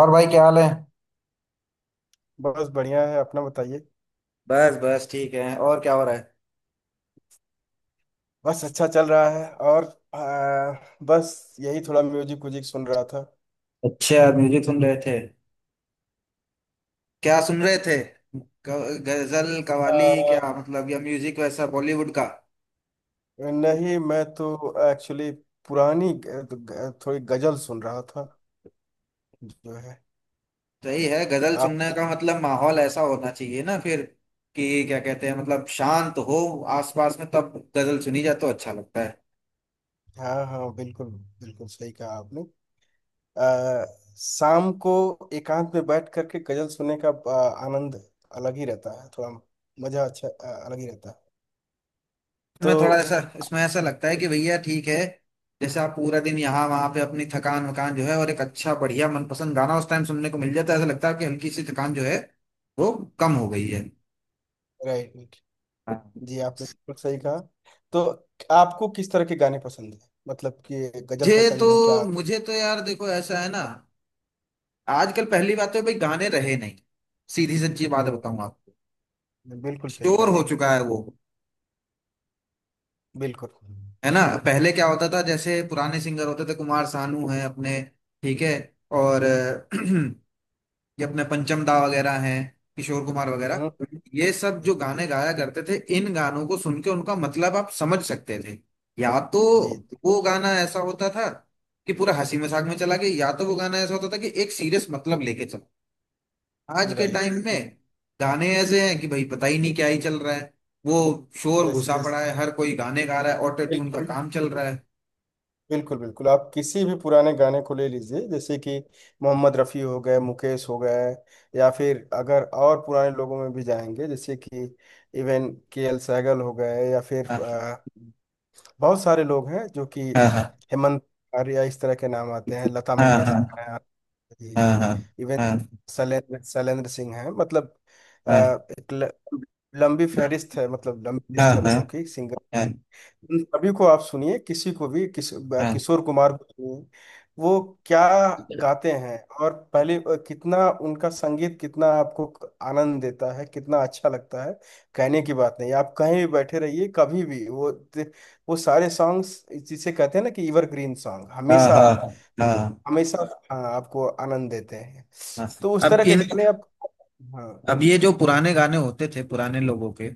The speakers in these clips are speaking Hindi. और भाई, क्या हाल है। बस बढ़िया है। अपना बताइए। बस बस ठीक है। और क्या हो रहा है? बस अच्छा चल रहा है। और आ, बस यही थोड़ा म्यूजिक व्यूजिक सुन रहा था। अच्छे आदमी जी, सुन रहे थे? क्या सुन रहे थे? गजल, आ, कवाली, क्या मतलब, या म्यूजिक वैसा बॉलीवुड का? नहीं, मैं तो एक्चुअली पुरानी थोड़ी गजल सुन रहा था, जो है। सही है। गजल आप। सुनने का मतलब माहौल ऐसा होना चाहिए ना फिर कि क्या कहते हैं, मतलब शांत हो आसपास में, तब गजल सुनी जाए तो अच्छा लगता है। हाँ हाँ, बिल्कुल बिल्कुल सही कहा आपने। आ, शाम को एकांत में बैठ करके गजल सुनने का आनंद अलग ही रहता है, थोड़ा। मजा अच्छा अलग ही रहता है। तो इसमें थोड़ा ऐसा, इसमें ऐसा लगता है कि भैया ठीक है, जैसे आप पूरा दिन यहाँ वहां पे अपनी थकान वकान जो है, और एक अच्छा बढ़िया मनपसंद गाना उस टाइम सुनने को मिल जाता है, ऐसा लगता है कि हल्की सी थकान जो है वो कम हो गई है। राइट हाँ। जी, आपने बिल्कुल सही कहा। तो आपको किस तरह के गाने पसंद है? मतलब कि गजल मुझे तो पसंद है क्या? मुझे तो यार देखो, ऐसा है ना, आजकल पहली बात तो भाई गाने रहे नहीं। सीधी सच्ची बात हम्म। बताऊं आपको, बिल्कुल सही शोर कहा हो आपने। चुका है वो। बिल्कुल। है ना, पहले क्या होता था, जैसे पुराने सिंगर होते थे, कुमार सानू है अपने, ठीक है, और ये अपने पंचम दा वगैरह हैं, किशोर कुमार वगैरह। हम्म। ये सब जो गाने गाया करते थे, इन गानों को सुन के उनका मतलब आप समझ सकते थे। या तो जी। वो गाना ऐसा होता था कि पूरा हंसी मजाक में चला गया, या तो वो गाना ऐसा होता था कि एक सीरियस मतलब लेके चला। आज के राय। टाइम में गाने ऐसे हैं कि भाई पता ही नहीं क्या ही चल रहा है वो। शोर जैसे घुसा पड़ा है, हर कोई गाने गा रहा है, ऑटो ट्यून का बिल्कुल काम चल रहा है। बिल्कुल, बिल्कुल आप किसी भी पुराने गाने को ले लीजिए, जैसे कि मोहम्मद रफ़ी हो गए, मुकेश हो गए, या फिर अगर और पुराने लोगों में भी जाएंगे, जैसे कि इवन के एल सहगल हो गए, या फिर हाँ, बहुत सारे लोग हैं जो कि हाँ, हेमंत आर्या, इस तरह के नाम आते हैं। लता हाँ, मंगेशकर हाँ, हैं, आशा जी हाँ, हैं, हाँ, इवन हाँ, शैलेंद्र शैलेंद्र सिंह हैं, मतलब। अ, हाँ, एक लंबी फहरिस्त है, मतलब लंबी लिस्ट हाँ, है हाँ, लोगों की। हाँ, उन सभी को आप सुनिए, किसी को भी, हाँ। किशोर कुमार को सुनिए, वो क्या गाते हैं। और पहले कितना उनका संगीत, कितना आपको आनंद देता है, कितना अच्छा लगता है। कहने की बात नहीं, आप कहीं भी बैठे रहिए, कभी भी। वो सारे सॉन्ग्स, जिसे कहते हैं ना कि एवरग्रीन सॉन्ग, हाँ, हमेशा हाँ, हाँ, हाँ। हमेशा, हाँ, आपको आनंद देते हैं। तो उस अब तरह के इन, गाने आप। हाँ। अब ये जो पुराने गाने होते थे, पुराने लोगों के,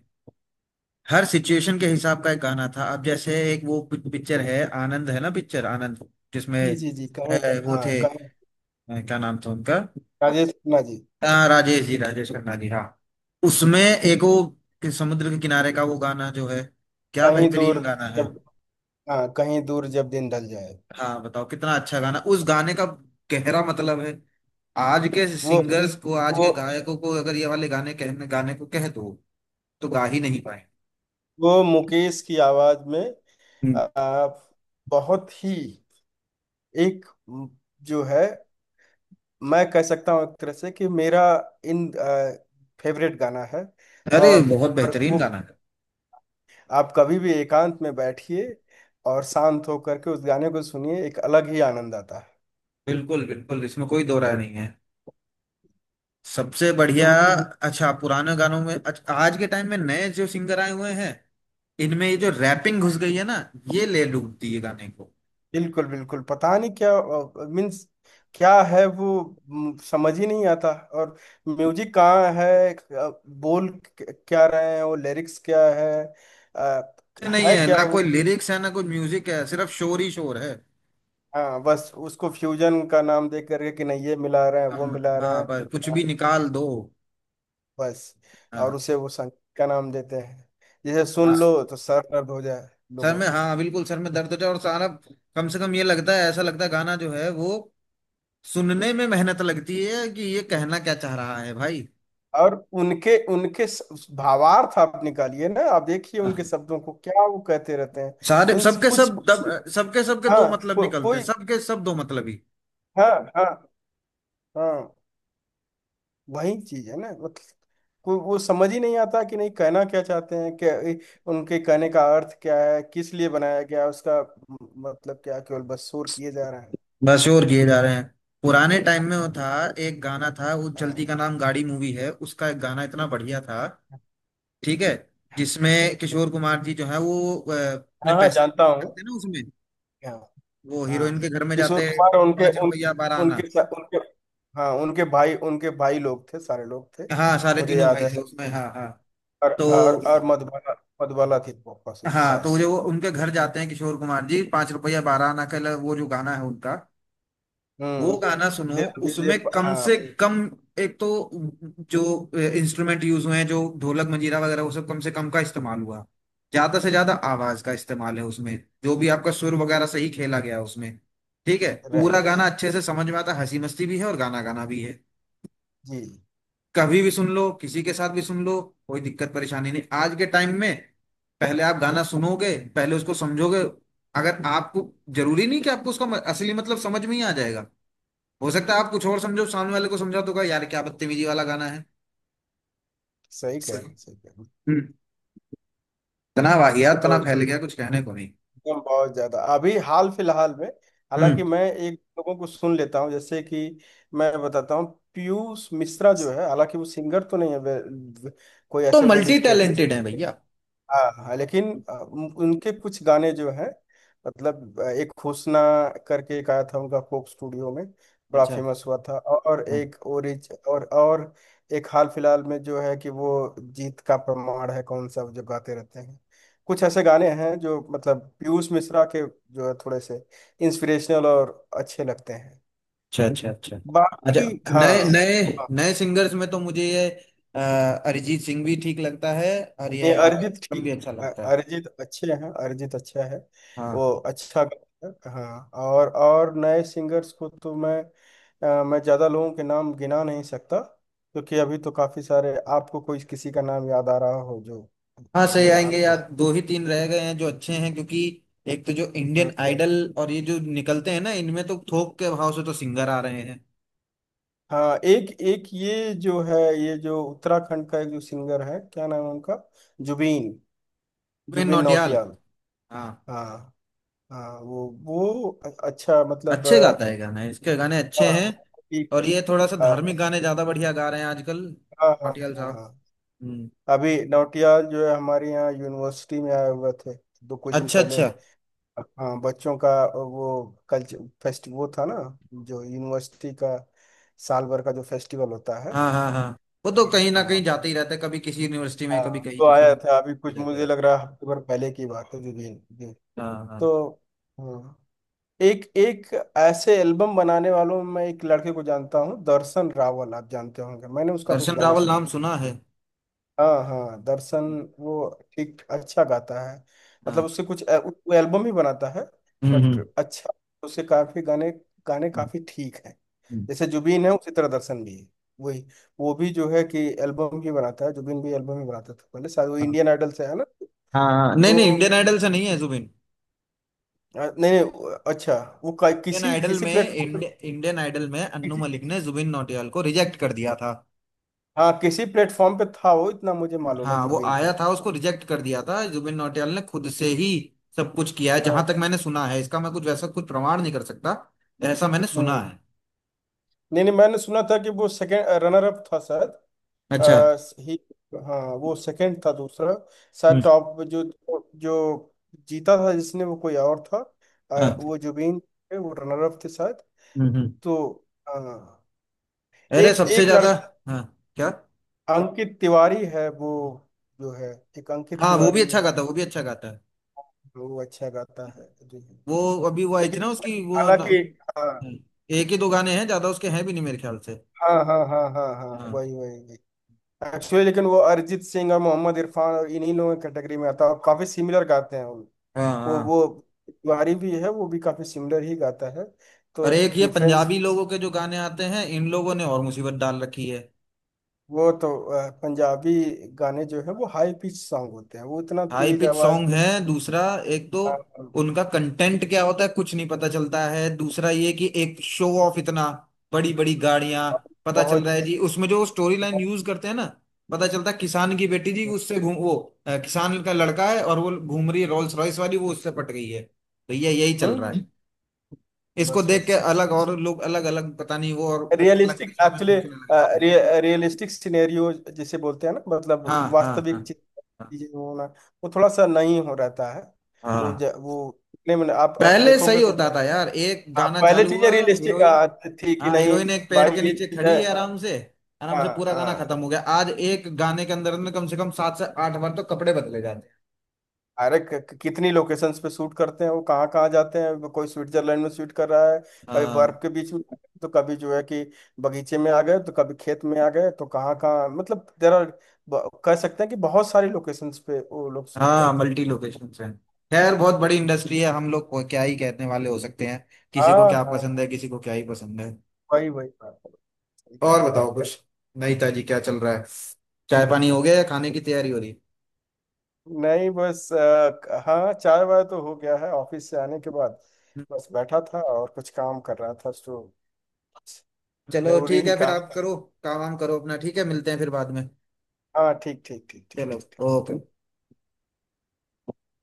हर सिचुएशन के हिसाब का एक गाना था। अब जैसे एक वो पिक्चर है आनंद, है ना, पिक्चर आनंद, जिसमें जी जी जी। कहीं। वो हाँ, थे, कहीं। क्या नाम था उनका, राजेश खन्ना जी। हाँ, राजेश जी, राजेश खन्ना जी, हाँ। उसमें एक वो कि समुद्र के किनारे का वो गाना जो है, क्या कहीं दूर बेहतरीन गाना है। जब... हाँ, कहीं दूर जब दिन ढल जाए। हाँ, बताओ कितना अच्छा गाना, उस गाने का गहरा मतलब है। आज के वो सिंगर्स को, आज वो के गायकों को अगर ये वाले गाने कहने, गाने को कह दो, तो गा ही नहीं पाए। वो मुकेश की आवाज में। हम्म। आ, बहुत ही एक म, जो है, मैं कह सकता हूँ एक तरह से कि मेरा इन फेवरेट गाना है। अरे और, बहुत और बेहतरीन वो, गाना है। आप कभी भी एकांत में बैठिए और शांत होकर के उस गाने को सुनिए, एक अलग ही आनंद आता है। बिल्कुल बिल्कुल, इसमें कोई दो राय नहीं है, सबसे बढ़िया। तो अच्छा, पुराने गानों में अच्छा, आज के टाइम में नए जो सिंगर आए हुए हैं, इनमें ये जो रैपिंग घुस गई है ना, ये ले डूबती है गाने को। बिल्कुल बिल्कुल, पता नहीं क्या मीन्स, क्या है वो, समझ ही नहीं आता। और म्यूजिक कहाँ है? बोल क्या रहे हैं? वो लिरिक्स क्या है? अ, नहीं है है क्या ना वो कोई लिरिक्स, है ना कोई म्यूजिक, है सिर्फ शोर ही शोर है। हाँ, बस उसको फ्यूजन का नाम दे करके कि नहीं, ये मिला रहे हैं, वो हाँ। मिला रहे हाँ, हैं। बस कुछ भी निकाल दो। बस, हाँ। और उसे वो संगीत का नाम देते हैं, जैसे सुन लो आ- तो सर दर्द हो जाए सर लोगों में, को। हाँ बिल्कुल, सर में दर्द होता है और सारा, कम से कम ये लगता है, ऐसा लगता है गाना जो है वो सुनने में मेहनत लगती है कि ये कहना क्या चाह रहा है भाई। और उनके उनके भावार्थ आप निकालिए ना, आप देखिए उनके शब्दों को, क्या वो कहते रहते हैं। सारे मीन्स सबके कुछ। सब सबके सबके दो हाँ, मतलब निकलते कोई। हैं, सबके सब दो मतलब ही। हाँ हाँ हाँ, वही चीज है ना, मतलब वो समझ ही नहीं आता कि नहीं, कहना क्या चाहते हैं क्या? उनके कहने का अर्थ क्या है, किस लिए बनाया गया उसका मतलब? क्या केवल बस शोर किए जा रहे हैं? बस और किए जा रहे हैं। पुराने टाइम हाँ में वो हाँ। था, एक गाना था, वो चलती का नाम गाड़ी मूवी है, उसका एक गाना इतना बढ़िया था, ठीक है, जिसमें किशोर कुमार जी जो है वो अपने हाँ हाँ, पैसे जानता लेने हूँ। जाते हैं ना उसमें, हाँ वो हीरोइन हाँ। के घर में किशोर जाते हैं, कुमार उनके पांच उन रुपया बारह आना। उनके सा- उनके हाँ, उनके भाई लोग थे, सारे लोग थे। हाँ, सारे मुझे तीनों याद भाई है। थे उसमें, हाँ हाँ। और तो और मधुबाला। मधुबाला थी वो पशु हाँ, शायद। तो जो वो उनके घर जाते हैं किशोर कुमार जी, 5 रुपया 12 आना का, वो जो गाना है उनका, वो गाना हम्म। सुनो। दे तो मुझे उसमें कम हाँ। से कम एक तो जो इंस्ट्रूमेंट यूज हुए हैं, जो ढोलक मंजीरा वगैरह, वो सब कम से कम का इस्तेमाल हुआ। ज्यादा से ज्यादा आवाज का इस्तेमाल है उसमें, जो भी आपका सुर वगैरह सही खेला गया है उसमें, ठीक है। पूरा राइट गाना अच्छे से समझ में आता है, हंसी मस्ती भी है और गाना गाना भी है। जी। कभी भी सुन लो, किसी के साथ भी सुन लो, कोई दिक्कत परेशानी नहीं। आज के टाइम में पहले आप गाना सुनोगे, पहले उसको समझोगे। अगर आपको, जरूरी नहीं कि आपको उसका असली मतलब समझ में ही आ जाएगा, हो सकता है आप कुछ और समझो, सामने वाले को समझा तो कहा यार क्या बदतमीजी वाला गाना है। सही कह सही। रहे हैं, सही कह रहे हैं। हम्म। इतना वाहियात तो तना फैल गया, कुछ कहने को नहीं। एकदम बहुत ज्यादा अभी हाल फिलहाल में, हम्म। हालांकि मैं एक लोगों को सुन लेता हूँ, जैसे कि मैं बताता हूँ। पीयूष मिश्रा जो है, हालांकि वो सिंगर तो नहीं है, वे, वे, कोई तो ऐसे वेल मल्टी स्टेब्लिश। टैलेंटेड है भैया। हाँ हाँ, लेकिन उनके कुछ गाने जो हैं, मतलब एक हुस्ना करके एक आया था उनका कोक स्टूडियो में, बड़ा अच्छा। फेमस हुआ था। और हम्म। एक ओरिज और। एक हाल फिलहाल में जो है कि वो जीत का प्रमाण है कौन सा, जो गाते रहते हैं। कुछ ऐसे गाने हैं जो मतलब पीयूष मिश्रा के, जो है थोड़े से इंस्पिरेशनल और अच्छे लगते हैं। अच्छा, अच्छा, अच्छा। बाकी अच्छा नए हाँ। नए, हाँ। नए सिंगर्स में तो मुझे ये अ, अरिजीत सिंह भी ठीक लगता है, और ये ये आतिफ अरिजीत असलम भी ठीक। अच्छा लगता है। अरिजीत अच्छे हैं, अरिजीत अच्छा है, हाँ। वो अच्छा गाता है हाँ, और नए सिंगर्स को तो मैं मैं ज़्यादा लोगों के नाम गिना नहीं सकता, क्योंकि अभी तो काफ़ी सारे। आपको कोई किसी का नाम याद आ रहा हो जो, हाँ सही जो आएंगे यार, आपको। दो ही तीन रह गए हैं जो अच्छे हैं, क्योंकि एक तो जो हाँ इंडियन आइडल और ये जो निकलते हैं ना, इनमें तो थोक के भाव से तो सिंगर आ रहे हैं। हाँ, एक एक ये जो है, ये जो उत्तराखंड का एक जो सिंगर है, क्या नाम है उनका? जुबीन। उपेन जुबीन नौटियाल। नौटियाल। हाँ, हाँ हाँ। वो अच्छा, मतलब अच्छे गाता है गाना, इसके गाने अच्छे हैं। हाँ ठीक और ये थोड़ा सा है। धार्मिक गाने ज्यादा बढ़िया गा रहे हैं आजकल, हाँ हाँ भाटियाल हाँ साहब। हाँ। हम्म। अभी नौटियाल जो है हमारे यहाँ यूनिवर्सिटी में आए हुए थे, दो कुछ दिन अच्छा पहले। अच्छा। हाँ, बच्चों का वो कल्चर फेस्ट वो था ना, जो यूनिवर्सिटी का साल भर का जो फेस्टिवल होता है। हाँ हाँ हाँ। वो तो कहीं ना कहीं हाँ जाते ही रहते, कभी किसी यूनिवर्सिटी में, कभी हाँ। कहीं तो किसी आया में। था अभी, कुछ जाते मुझे रहते। लग रहा है हफ्ते भर पहले की बात है। जी जी जी। हाँ हाँ। तो हाँ, एक एक ऐसे एल्बम बनाने वालों में एक लड़के को जानता हूँ, दर्शन रावल, आप जानते होंगे, मैंने उसका कुछ दर्शन गाना रावल, सुना। नाम सुना है। हाँ हाँ, दर्शन। वो ठीक अच्छा गाता है, हाँ। मतलब उससे कुछ वो एल्बम ही बनाता है। बट हम्म। अच्छा, उसके काफी गाने, हम्म, काफी ठीक हैं। हम्म। जैसे जुबिन है, उसी तरह दर्शन भी है, वही। वो भी जो है कि एल्बम ही बनाता है। जुबिन भी एल्बम ही बनाता था पहले शायद, वो हाँ इंडियन आइडल से है ना? हाँ हाँ। नहीं नहीं, तो इंडियन आइडल से नहीं है जुबिन। नहीं नहीं, अच्छा, वो इंडियन किसी आइडल किसी में, प्लेटफॉर्म, इंडियन आइडल में अन्नू किसी, मलिक ने जुबिन नौटियाल को रिजेक्ट कर दिया था। हाँ, किसी प्लेटफॉर्म पे था, वो इतना मुझे मालूम है हाँ, वो जुबिन के आया था, बारे उसको रिजेक्ट कर दिया था। जुबिन नौटियाल ने खुद से ही सब कुछ किया है, में। हाँ। जहां तक मैंने सुना है। इसका मैं कुछ वैसा कुछ प्रमाण नहीं कर सकता, ऐसा मैंने सुना हम्म। है। नहीं नहीं, मैंने सुना था कि वो सेकंड रनर अप था शायद। अच्छा। ही हाँ, वो सेकंड था, दूसरा शायद। हम्म। टॉप जो जो जीता था जिसने, वो कोई और था। हाँ। वो जुबीन थे, वो रनर अप थे शायद। हम्म हम्म। तो हाँ, अरे एक सबसे एक ज्यादा, लड़का हाँ, क्या? अंकित तिवारी है, वो जो है, एक अंकित हाँ, वो भी तिवारी, अच्छा गाता है, वो भी अच्छा गाता है। वो अच्छा गाता है जी। वो अभी वो आई थी ना लेकिन उसकी वो ना, हालांकि, हाँ एक ही दो गाने हैं, ज्यादा उसके हैं भी नहीं मेरे ख्याल से। हाँ हाँ हाँ हाँ हाँ, हाँ। वही वही वही। एक्चुअली लेकिन वो अरिजीत सिंह और मोहम्मद इरफान और इन्हीं लोगों की कैटेगरी में आता है, और काफी सिमिलर गाते हैं। वो हाँ। हाँ वो तिवारी भी है, वो भी काफी सिमिलर ही गाता है। और तो एक ये डिफरेंस। पंजाबी लोगों के जो गाने आते हैं, इन लोगों ने और मुसीबत डाल रखी है। वो तो पंजाबी गाने जो है, वो हाई पिच सॉन्ग होते हैं, वो इतना हाई तेज पिच आवाज सॉन्ग में। है दूसरा, एक तो अ, उनका कंटेंट क्या होता है कुछ नहीं पता चलता है, दूसरा ये कि एक शो ऑफ इतना, बड़ी बड़ी गाड़ियां पता चल बहुत रहा है जी उसमें। जो स्टोरी लाइन ज्यादा। यूज करते हैं ना, पता चलता है किसान की बेटी जी उससे घूम वो, किसान का लड़का है और वो घूम रही है रोल्स रॉयस वाली, वो उससे पट गई है, तो ये यही चल रहा हम्म। है। इसको बस देख बस के अलग और लोग अलग अलग पता नहीं, वो और अलग रियलिस्टिक दिशा में एक्चुअली, पहुंचने लग जाते हैं। रियलिस्टिक सिनेरियो, जिसे बोलते हैं ना, मतलब हाँ हाँ हाँ। वास्तविक चीज हाँ चीजें होना, वो थोड़ा सा नहीं हो रहता है। हाँ। वो फिल्म में आप अब पहले देखोगे सही तो, होता था यार, एक हाँ, गाना पहले चालू चीजें हुआ, रियलिस्टिक हीरोइन, थी कि हाँ नहीं? हीरोइन एक पेड़ भाई के ये नीचे चीज खड़ी है। है हाँ आराम से, आराम से हाँ पूरा गाना हाँ। खत्म हो गया। आज एक गाने के अंदर में कम से कम 7 से 8 बार तो कपड़े बदले जाते हैं। अरे कितनी लोकेशंस पे शूट करते हैं, वो कहाँ कहाँ जाते हैं? कोई स्विट्जरलैंड में शूट कर रहा है, कभी हाँ बर्फ के बीच में, तो कभी जो है कि बगीचे में आ गए, तो कभी खेत में आ गए, तो कहाँ कहाँ, मतलब देर आर, कह सकते हैं कि बहुत सारी लोकेशंस पे वो लोग शूट हाँ। करते हैं। मल्टी लोकेशन से। खैर बहुत बड़ी इंडस्ट्री है, हम लोग को क्या ही कहने वाले, हो सकते हैं किसी हाँ को क्या हाँ पसंद हाँ, है, किसी को क्या ही पसंद है। वही वही बात है, सही कह और रहे हैं आप। बताओ कुछ, नहीं ताजी क्या चल रहा है, चाय पानी हो गया या खाने की तैयारी हो रही है? नहीं, बस हाँ, 4 बार तो हो गया है ऑफिस से आने के बाद। बस बैठा था और कुछ काम कर रहा था, तो चलो जरूरी ठीक ही है, फिर काम। आप करो काम वाम करो अपना, ठीक है, मिलते हैं फिर बाद में। हाँ ठीक ठीक ठीक ठीक चलो, ठीक। ओके।